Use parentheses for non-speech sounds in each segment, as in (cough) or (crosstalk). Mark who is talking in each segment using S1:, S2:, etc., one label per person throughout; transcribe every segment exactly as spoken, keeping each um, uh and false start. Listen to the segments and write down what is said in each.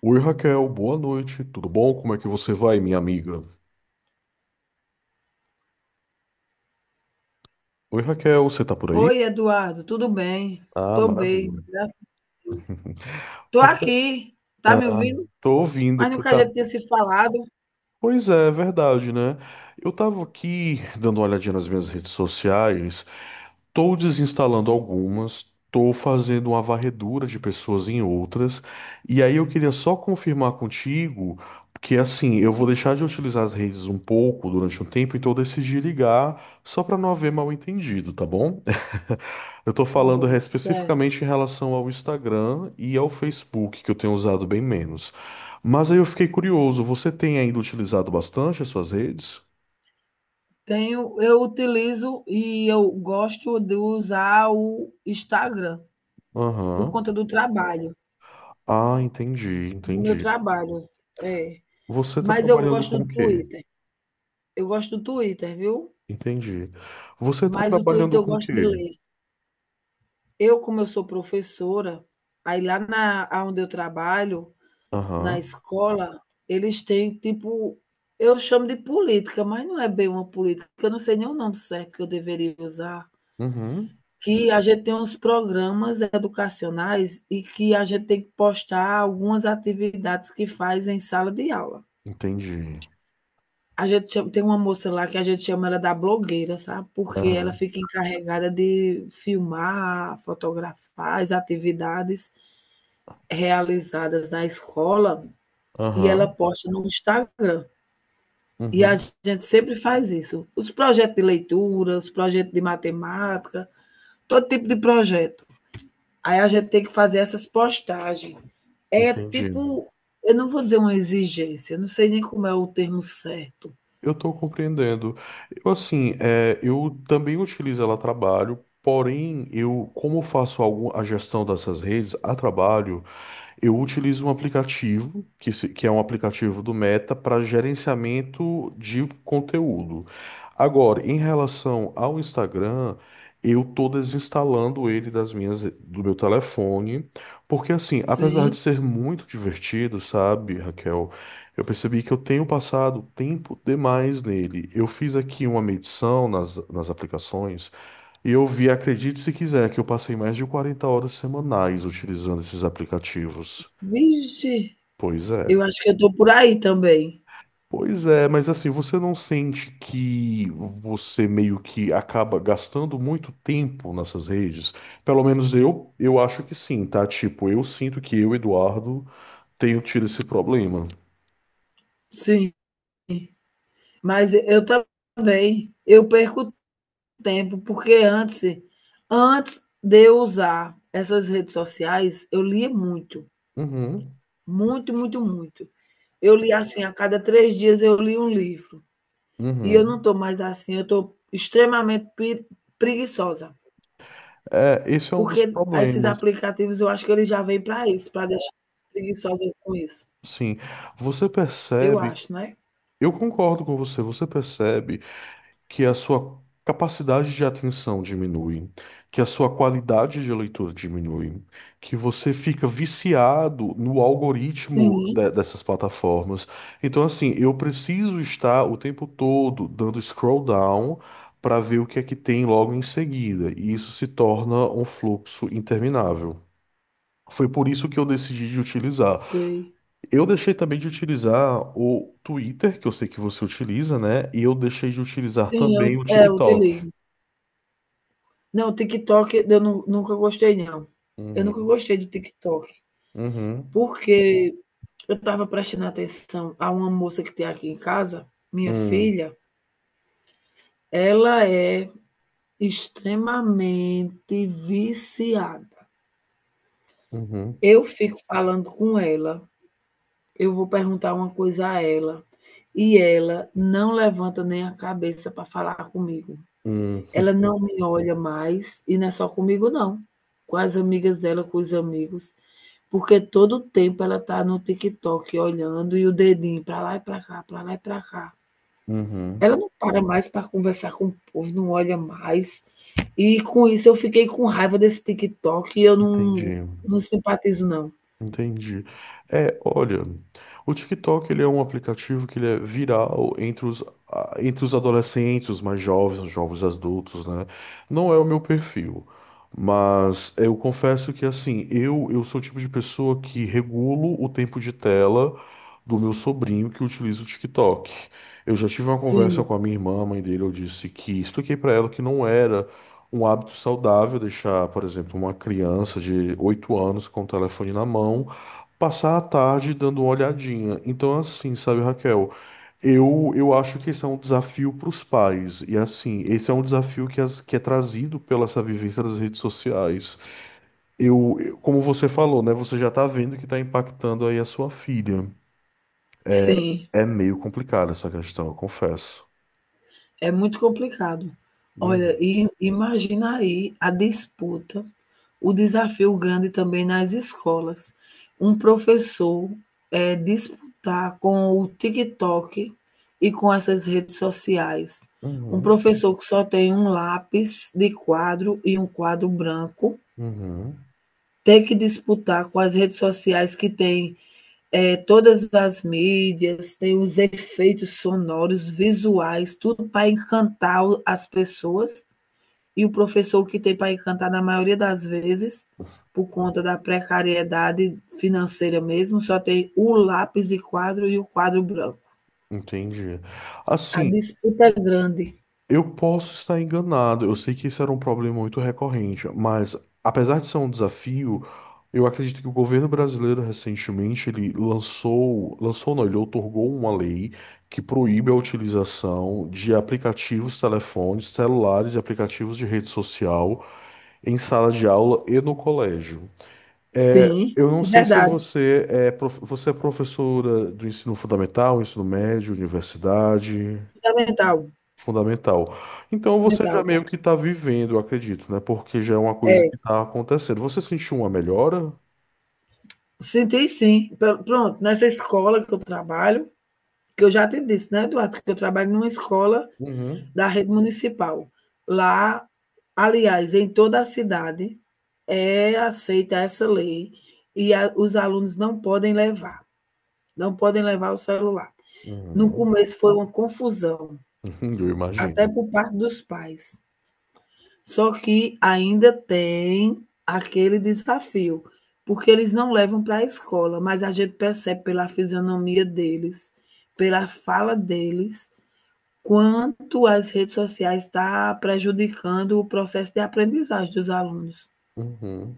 S1: Oi, Raquel, boa noite, tudo bom? Como é que você vai, minha amiga? Oi, Raquel, você tá por aí?
S2: Oi, Eduardo, tudo bem?
S1: Ah,
S2: Tô bem,
S1: maravilha.
S2: graças a Deus. Tô
S1: Raquel,
S2: aqui, tá me ouvindo?
S1: tô ouvindo,
S2: Mas
S1: porque
S2: nunca a
S1: tá.
S2: gente tinha se falado.
S1: Pois é, é verdade, né? Eu tava aqui dando uma olhadinha nas minhas redes sociais. Estou desinstalando algumas, estou fazendo uma varredura de pessoas em outras, e aí eu queria só confirmar contigo que, assim, eu vou deixar de utilizar as redes um pouco durante um tempo, então eu decidi ligar só para não haver mal entendido, tá bom? (laughs) Eu estou
S2: Tá
S1: falando é,
S2: bom, certo.
S1: especificamente em relação ao Instagram e ao Facebook, que eu tenho usado bem menos. Mas aí eu fiquei curioso, você tem ainda utilizado bastante as suas redes?
S2: Tenho, eu utilizo e eu gosto de usar o Instagram por
S1: Aham.
S2: conta do trabalho,
S1: Ah, entendi,
S2: do meu
S1: entendi.
S2: trabalho. É,
S1: Você está
S2: mas eu
S1: trabalhando
S2: gosto
S1: com o
S2: do
S1: quê?
S2: Twitter. Eu gosto do Twitter, viu?
S1: Entendi. Você está
S2: Mas o
S1: trabalhando
S2: Twitter eu
S1: com o
S2: gosto de
S1: quê?
S2: ler. Eu, como eu sou professora, aí lá na aonde eu trabalho, na
S1: Aham.
S2: escola, eles têm tipo, eu chamo de política, mas não é bem uma política, eu não sei nem o nome certo que eu deveria usar,
S1: Uhum.
S2: que a gente tem uns programas educacionais e que a gente tem que postar algumas atividades que faz em sala de aula.
S1: Entendi.
S2: A gente chama, tem uma moça lá que a gente chama ela da blogueira, sabe, porque ela
S1: Aham.
S2: fica encarregada de filmar, fotografar as atividades realizadas na escola e ela
S1: Aham.
S2: posta no Instagram. E a
S1: Uhum.
S2: gente sempre faz isso. Os projetos de leitura, os projetos de matemática, todo tipo de projeto. Aí a gente tem que fazer essas postagens. É
S1: Entendi.
S2: tipo, eu não vou dizer uma exigência, não sei nem como é o termo certo.
S1: Eu estou compreendendo. Eu, assim, é, eu também utilizo ela a trabalho, porém, eu, como faço algum, a gestão dessas redes a trabalho, eu utilizo um aplicativo, que, se- que é um aplicativo do Meta, para gerenciamento de conteúdo. Agora, em relação ao Instagram, eu estou desinstalando ele das minhas, do meu telefone, porque, assim, apesar de
S2: Sim.
S1: ser muito divertido, sabe, Raquel, eu percebi que eu tenho passado tempo demais nele. Eu fiz aqui uma medição nas, nas aplicações. E eu vi, acredite se quiser, que eu passei mais de quarenta horas semanais utilizando esses aplicativos.
S2: Vixe,
S1: Pois é.
S2: eu acho que eu estou por aí também.
S1: Pois é, mas, assim, você não sente que você meio que acaba gastando muito tempo nessas redes? Pelo menos eu, eu acho que sim, tá? Tipo, eu sinto que eu, Eduardo, tenho tido esse problema.
S2: Sim. Mas eu também, eu perco tempo, porque antes, antes de eu usar essas redes sociais, eu lia muito,
S1: Uhum,
S2: muito, muito, muito. Eu li assim, a cada três dias eu li um livro. E eu não
S1: uhum.
S2: estou mais assim, eu estou extremamente pre preguiçosa,
S1: é esse é um dos
S2: porque esses
S1: problemas,
S2: aplicativos eu acho que eles já vêm para isso, para deixar preguiçosa com isso.
S1: sim. Você
S2: Eu
S1: percebe,
S2: acho, né?
S1: eu concordo com você, você percebe que a sua capacidade de atenção diminui, que a sua qualidade de leitura diminui, que você fica viciado no algoritmo
S2: Sim,
S1: de- dessas plataformas. Então, assim, eu preciso estar o tempo todo dando scroll down para ver o que é que tem logo em seguida, e isso se torna um fluxo interminável. Foi por isso que eu decidi de utilizar.
S2: sei.
S1: Eu deixei também de utilizar o Twitter, que eu sei que você utiliza, né? E eu deixei de utilizar
S2: Sim, eu
S1: também o
S2: é, eu
S1: TikTok.
S2: utilizo. Não, TikTok eu nu nunca gostei, não. Eu nunca
S1: Uhum.
S2: gostei do TikTok,
S1: Uhum.
S2: porque eu estava prestando atenção a uma moça que tem aqui em casa, minha
S1: Uhum.
S2: filha, ela é extremamente viciada.
S1: Uhum.
S2: Eu fico falando com ela, eu vou perguntar uma coisa a ela, e ela não levanta nem a cabeça para falar comigo.
S1: Uhum.
S2: Ela
S1: (laughs)
S2: não me olha mais, e não é só comigo não, com as amigas dela, com os amigos, porque todo o tempo ela está no TikTok olhando e o dedinho para lá e para cá, para lá e para cá.
S1: Uhum.
S2: Ela não para mais para conversar com o povo, não olha mais. E com isso eu fiquei com raiva desse TikTok e eu não
S1: Entendi.
S2: não simpatizo, não.
S1: Entendi. É, olha, o TikTok ele é um aplicativo que ele é viral entre os, a- entre os adolescentes, os mais jovens, os jovens adultos, né? Não é o meu perfil, mas eu confesso que, assim, eu eu sou o tipo de pessoa que regulo o tempo de tela do meu sobrinho que utiliza o TikTok. Eu já tive uma conversa
S2: Sim,
S1: com a minha irmã, a mãe dele, eu disse que expliquei para ela que não era um hábito saudável, deixar, por exemplo, uma criança de oito anos com o telefone na mão, passar a tarde dando uma olhadinha. Então, assim, sabe, Raquel, eu, eu acho que esse é um desafio para os pais. E, assim, esse é um desafio que, as- que é trazido pela essa vivência das redes sociais. Eu, eu- como você falou, né, você já está vendo que está impactando aí a sua filha. É,
S2: sim.
S1: é meio complicada essa questão, eu confesso.
S2: É muito complicado. Olha,
S1: Uhum,
S2: e imagina aí a disputa, o desafio grande também nas escolas. Um professor, eh, disputar com o TikTok e com essas redes sociais. Um
S1: uhum,
S2: professor que só tem um lápis de quadro e um quadro branco,
S1: uhum.
S2: ter que disputar com as redes sociais que tem é, todas as mídias, tem os efeitos sonoros, visuais, tudo para encantar as pessoas. E o professor que tem para encantar, na maioria das vezes, por conta da precariedade financeira mesmo, só tem o lápis de quadro e o quadro branco.
S1: Entendi.
S2: A
S1: Assim,
S2: disputa é grande.
S1: eu posso estar enganado, eu sei que isso era um problema muito recorrente, mas, apesar de ser um desafio, eu acredito que o governo brasileiro recentemente ele lançou, lançou não, ele outorgou uma lei que proíbe a utilização de aplicativos, telefones, celulares e aplicativos de rede social em sala de aula e no colégio. É,
S2: Sim,
S1: eu não
S2: é
S1: sei se
S2: verdade.
S1: você é, prof- você é professora do ensino fundamental, ensino médio, universidade.
S2: Fundamental.
S1: Fundamental. Então você já
S2: Fundamental.
S1: meio que está vivendo, eu acredito, né? Porque já é uma coisa
S2: É,
S1: que está acontecendo. Você sentiu uma melhora?
S2: senti, sim. Pronto, nessa escola que eu trabalho, que eu já te disse, né, Eduardo, que eu trabalho numa escola
S1: Uhum.
S2: da rede municipal. Lá, aliás, em toda a cidade, é aceita essa lei e a, os alunos não podem levar, não podem levar o celular. No
S1: Uhum. (laughs)
S2: começo foi uma confusão,
S1: Uhum, eu
S2: até
S1: imagino.
S2: por parte dos pais. Só que ainda tem aquele desafio, porque eles não levam para a escola, mas a gente percebe pela fisionomia deles, pela fala deles, quanto as redes sociais tá prejudicando o processo de aprendizagem dos alunos,
S1: Uhum.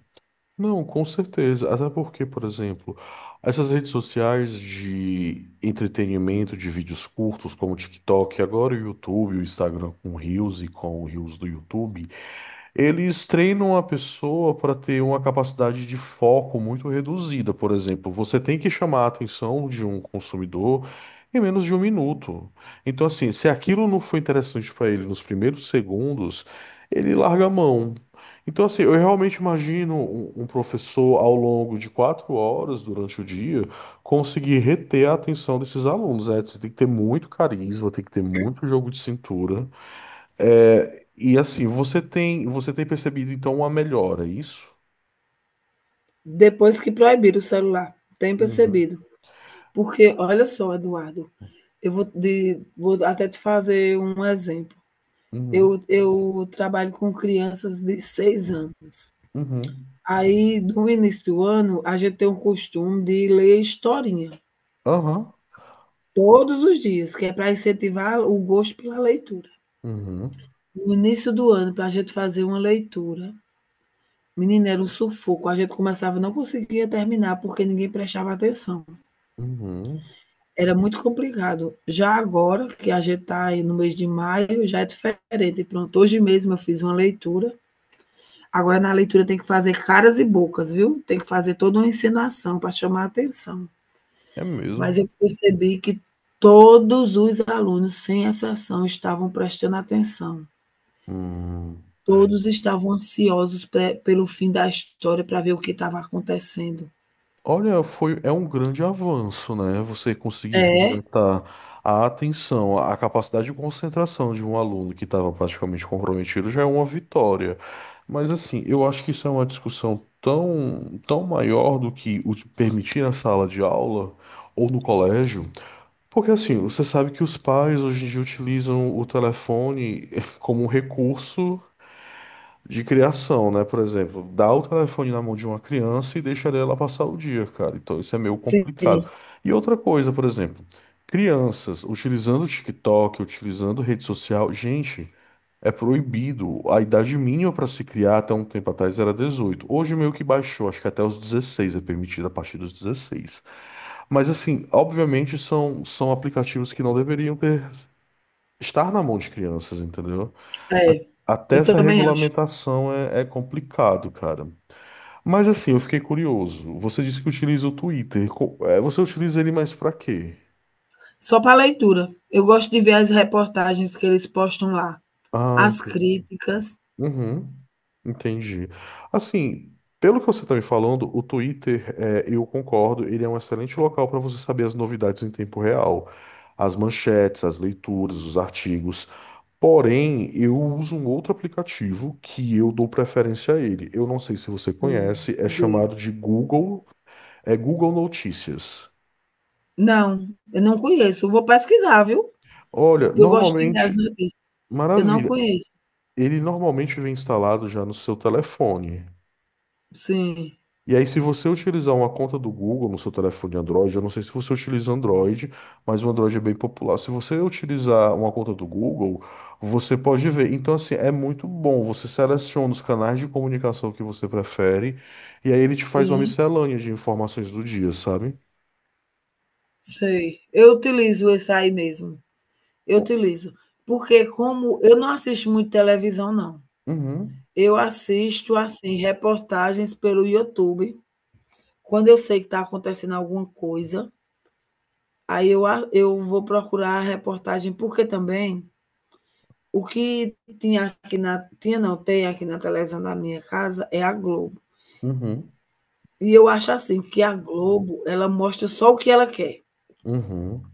S1: Não, com certeza. Até porque, por exemplo, essas redes sociais de entretenimento, de vídeos curtos, como o TikTok, agora o YouTube, o Instagram com Reels e com o Reels do YouTube. Eles treinam a pessoa para ter uma capacidade de foco muito reduzida, por exemplo. Você tem que chamar a atenção de um consumidor em menos de um minuto. Então, assim, se aquilo não foi interessante para ele nos primeiros segundos, ele larga a mão. Então, assim, eu realmente imagino um um professor ao longo de quatro horas durante o dia conseguir reter a atenção desses alunos, né? Você tem que ter muito carisma, tem que ter muito jogo de cintura. É, e, assim, você tem, você tem percebido então uma melhora, é isso?
S2: depois que proibiram o celular, tem
S1: Uhum,
S2: percebido. Porque olha só, Eduardo, eu vou, de, vou até te fazer um exemplo.
S1: uhum,
S2: Eu, eu trabalho com crianças de seis anos.
S1: uhum,
S2: Aí, no início do ano, a gente tem o costume de ler historinha
S1: aham,
S2: todos os dias, que é para incentivar o gosto pela leitura.
S1: uhum,
S2: No início do ano, para a gente fazer uma leitura, menina, era um sufoco. A gente começava e não conseguia terminar porque ninguém prestava atenção.
S1: uhum,
S2: Era muito complicado. Já agora, que a gente está aí no mês de maio, já é diferente. Pronto, hoje mesmo eu fiz uma leitura. Agora, na leitura, tem que fazer caras e bocas, viu? Tem que fazer toda uma encenação para chamar a atenção.
S1: é
S2: Mas
S1: mesmo.
S2: eu percebi que todos os alunos, sem exceção, estavam prestando atenção.
S1: Hum.
S2: Todos estavam ansiosos pe- pelo fim da história para ver o que estava acontecendo.
S1: Olha, foi, é um grande avanço, né? Você conseguir
S2: É,
S1: resgatar a atenção, a capacidade de concentração de um aluno que estava praticamente comprometido já é uma vitória. Mas, assim, eu acho que isso é uma discussão tão, tão maior do que o de permitir na sala de aula ou no colégio. Porque, assim, você sabe que os pais hoje em dia utilizam o telefone (laughs) como um recurso de criação, né? Por exemplo, dá o telefone na mão de uma criança e deixa ela passar o dia, cara. Então isso é meio
S2: sim,
S1: complicado. E outra coisa, por exemplo, crianças utilizando o TikTok, utilizando rede social, gente. É proibido. A idade mínima para se criar até um tempo atrás era dezoito. Hoje meio que baixou, acho que até os dezesseis é permitido a partir dos dezesseis. Mas, assim, obviamente são, são aplicativos que não deveriam ter estar na mão de crianças, entendeu? A-
S2: é.
S1: Até
S2: Eu
S1: essa
S2: também acho.
S1: regulamentação é, é complicado, cara. Mas, assim, eu fiquei curioso. Você disse que utiliza o Twitter. Co- é, Você utiliza ele mais para quê?
S2: Só para leitura. Eu gosto de ver as reportagens que eles postam lá,
S1: Ah,
S2: as críticas.
S1: uhum, entendi. Assim, pelo que você está me falando, o Twitter, é, eu concordo, ele é um excelente local para você saber as novidades em tempo real, as manchetes, as leituras, os artigos. Porém, eu uso um outro aplicativo que eu dou preferência a ele. Eu não sei se você
S2: Sim,
S1: conhece, é chamado
S2: Deus.
S1: de Google, é Google Notícias.
S2: Não, eu não conheço. Eu vou pesquisar, viu?
S1: Olha,
S2: Eu gosto de ler as
S1: normalmente,
S2: notícias. Eu não
S1: maravilha,
S2: conheço.
S1: ele normalmente vem instalado já no seu telefone.
S2: Sim,
S1: E aí, se você utilizar uma conta do Google no seu telefone Android, eu não sei se você utiliza Android, mas o Android é bem popular. Se você utilizar uma conta do Google, você pode ver. Então, assim, é muito bom. Você seleciona os canais de comunicação que você prefere, e aí ele te faz uma
S2: sim,
S1: miscelânea de informações do dia, sabe?
S2: sei. Eu utilizo esse aí mesmo. Eu
S1: Bom,
S2: utilizo. Porque como eu não assisto muito televisão, não.
S1: uhum,
S2: Eu assisto, assim, reportagens pelo YouTube. Quando eu sei que está acontecendo alguma coisa, aí eu a eu vou procurar a reportagem, porque também o que tinha aqui na tinha não, tem aqui na televisão da minha casa é a Globo.
S1: uhum,
S2: E eu acho assim, que a Globo, ela mostra só o que ela quer.
S1: uhum.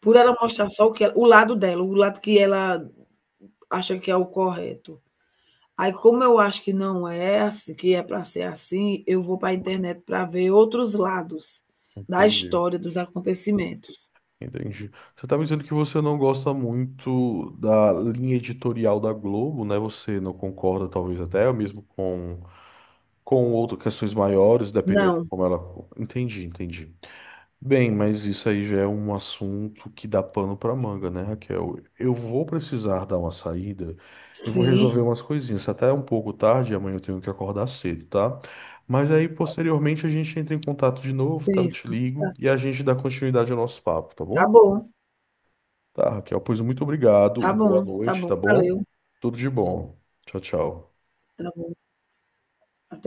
S2: Por ela mostrar só o que ela o lado dela, o lado que ela acha que é o correto. Aí como eu acho que não é assim, que é para ser assim, eu vou para a internet para ver outros lados da
S1: Entendi,
S2: história, dos acontecimentos.
S1: entendi. Você tá me dizendo que você não gosta muito da linha editorial da Globo, né? Você não concorda, talvez até mesmo com com outras questões maiores, dependendo de
S2: Não.
S1: como ela. Entendi, entendi. Bem, mas isso aí já é um assunto que dá pano para manga, né, Raquel? Eu vou precisar dar uma saída, eu vou
S2: Sim,
S1: resolver umas coisinhas. Até é um pouco tarde, amanhã eu tenho que acordar cedo, tá? Mas aí, posteriormente, a gente entra em contato de novo, tá? Eu
S2: sim,
S1: te
S2: sim.
S1: ligo
S2: Tá
S1: e a gente dá continuidade ao nosso papo, tá
S2: tá
S1: bom?
S2: bom.
S1: Tá, Raquel, pois muito obrigado,
S2: Tá
S1: boa
S2: bom, tá
S1: noite,
S2: bom,
S1: tá bom?
S2: valeu,
S1: Tudo de bom. Tchau, tchau.
S2: tá bom.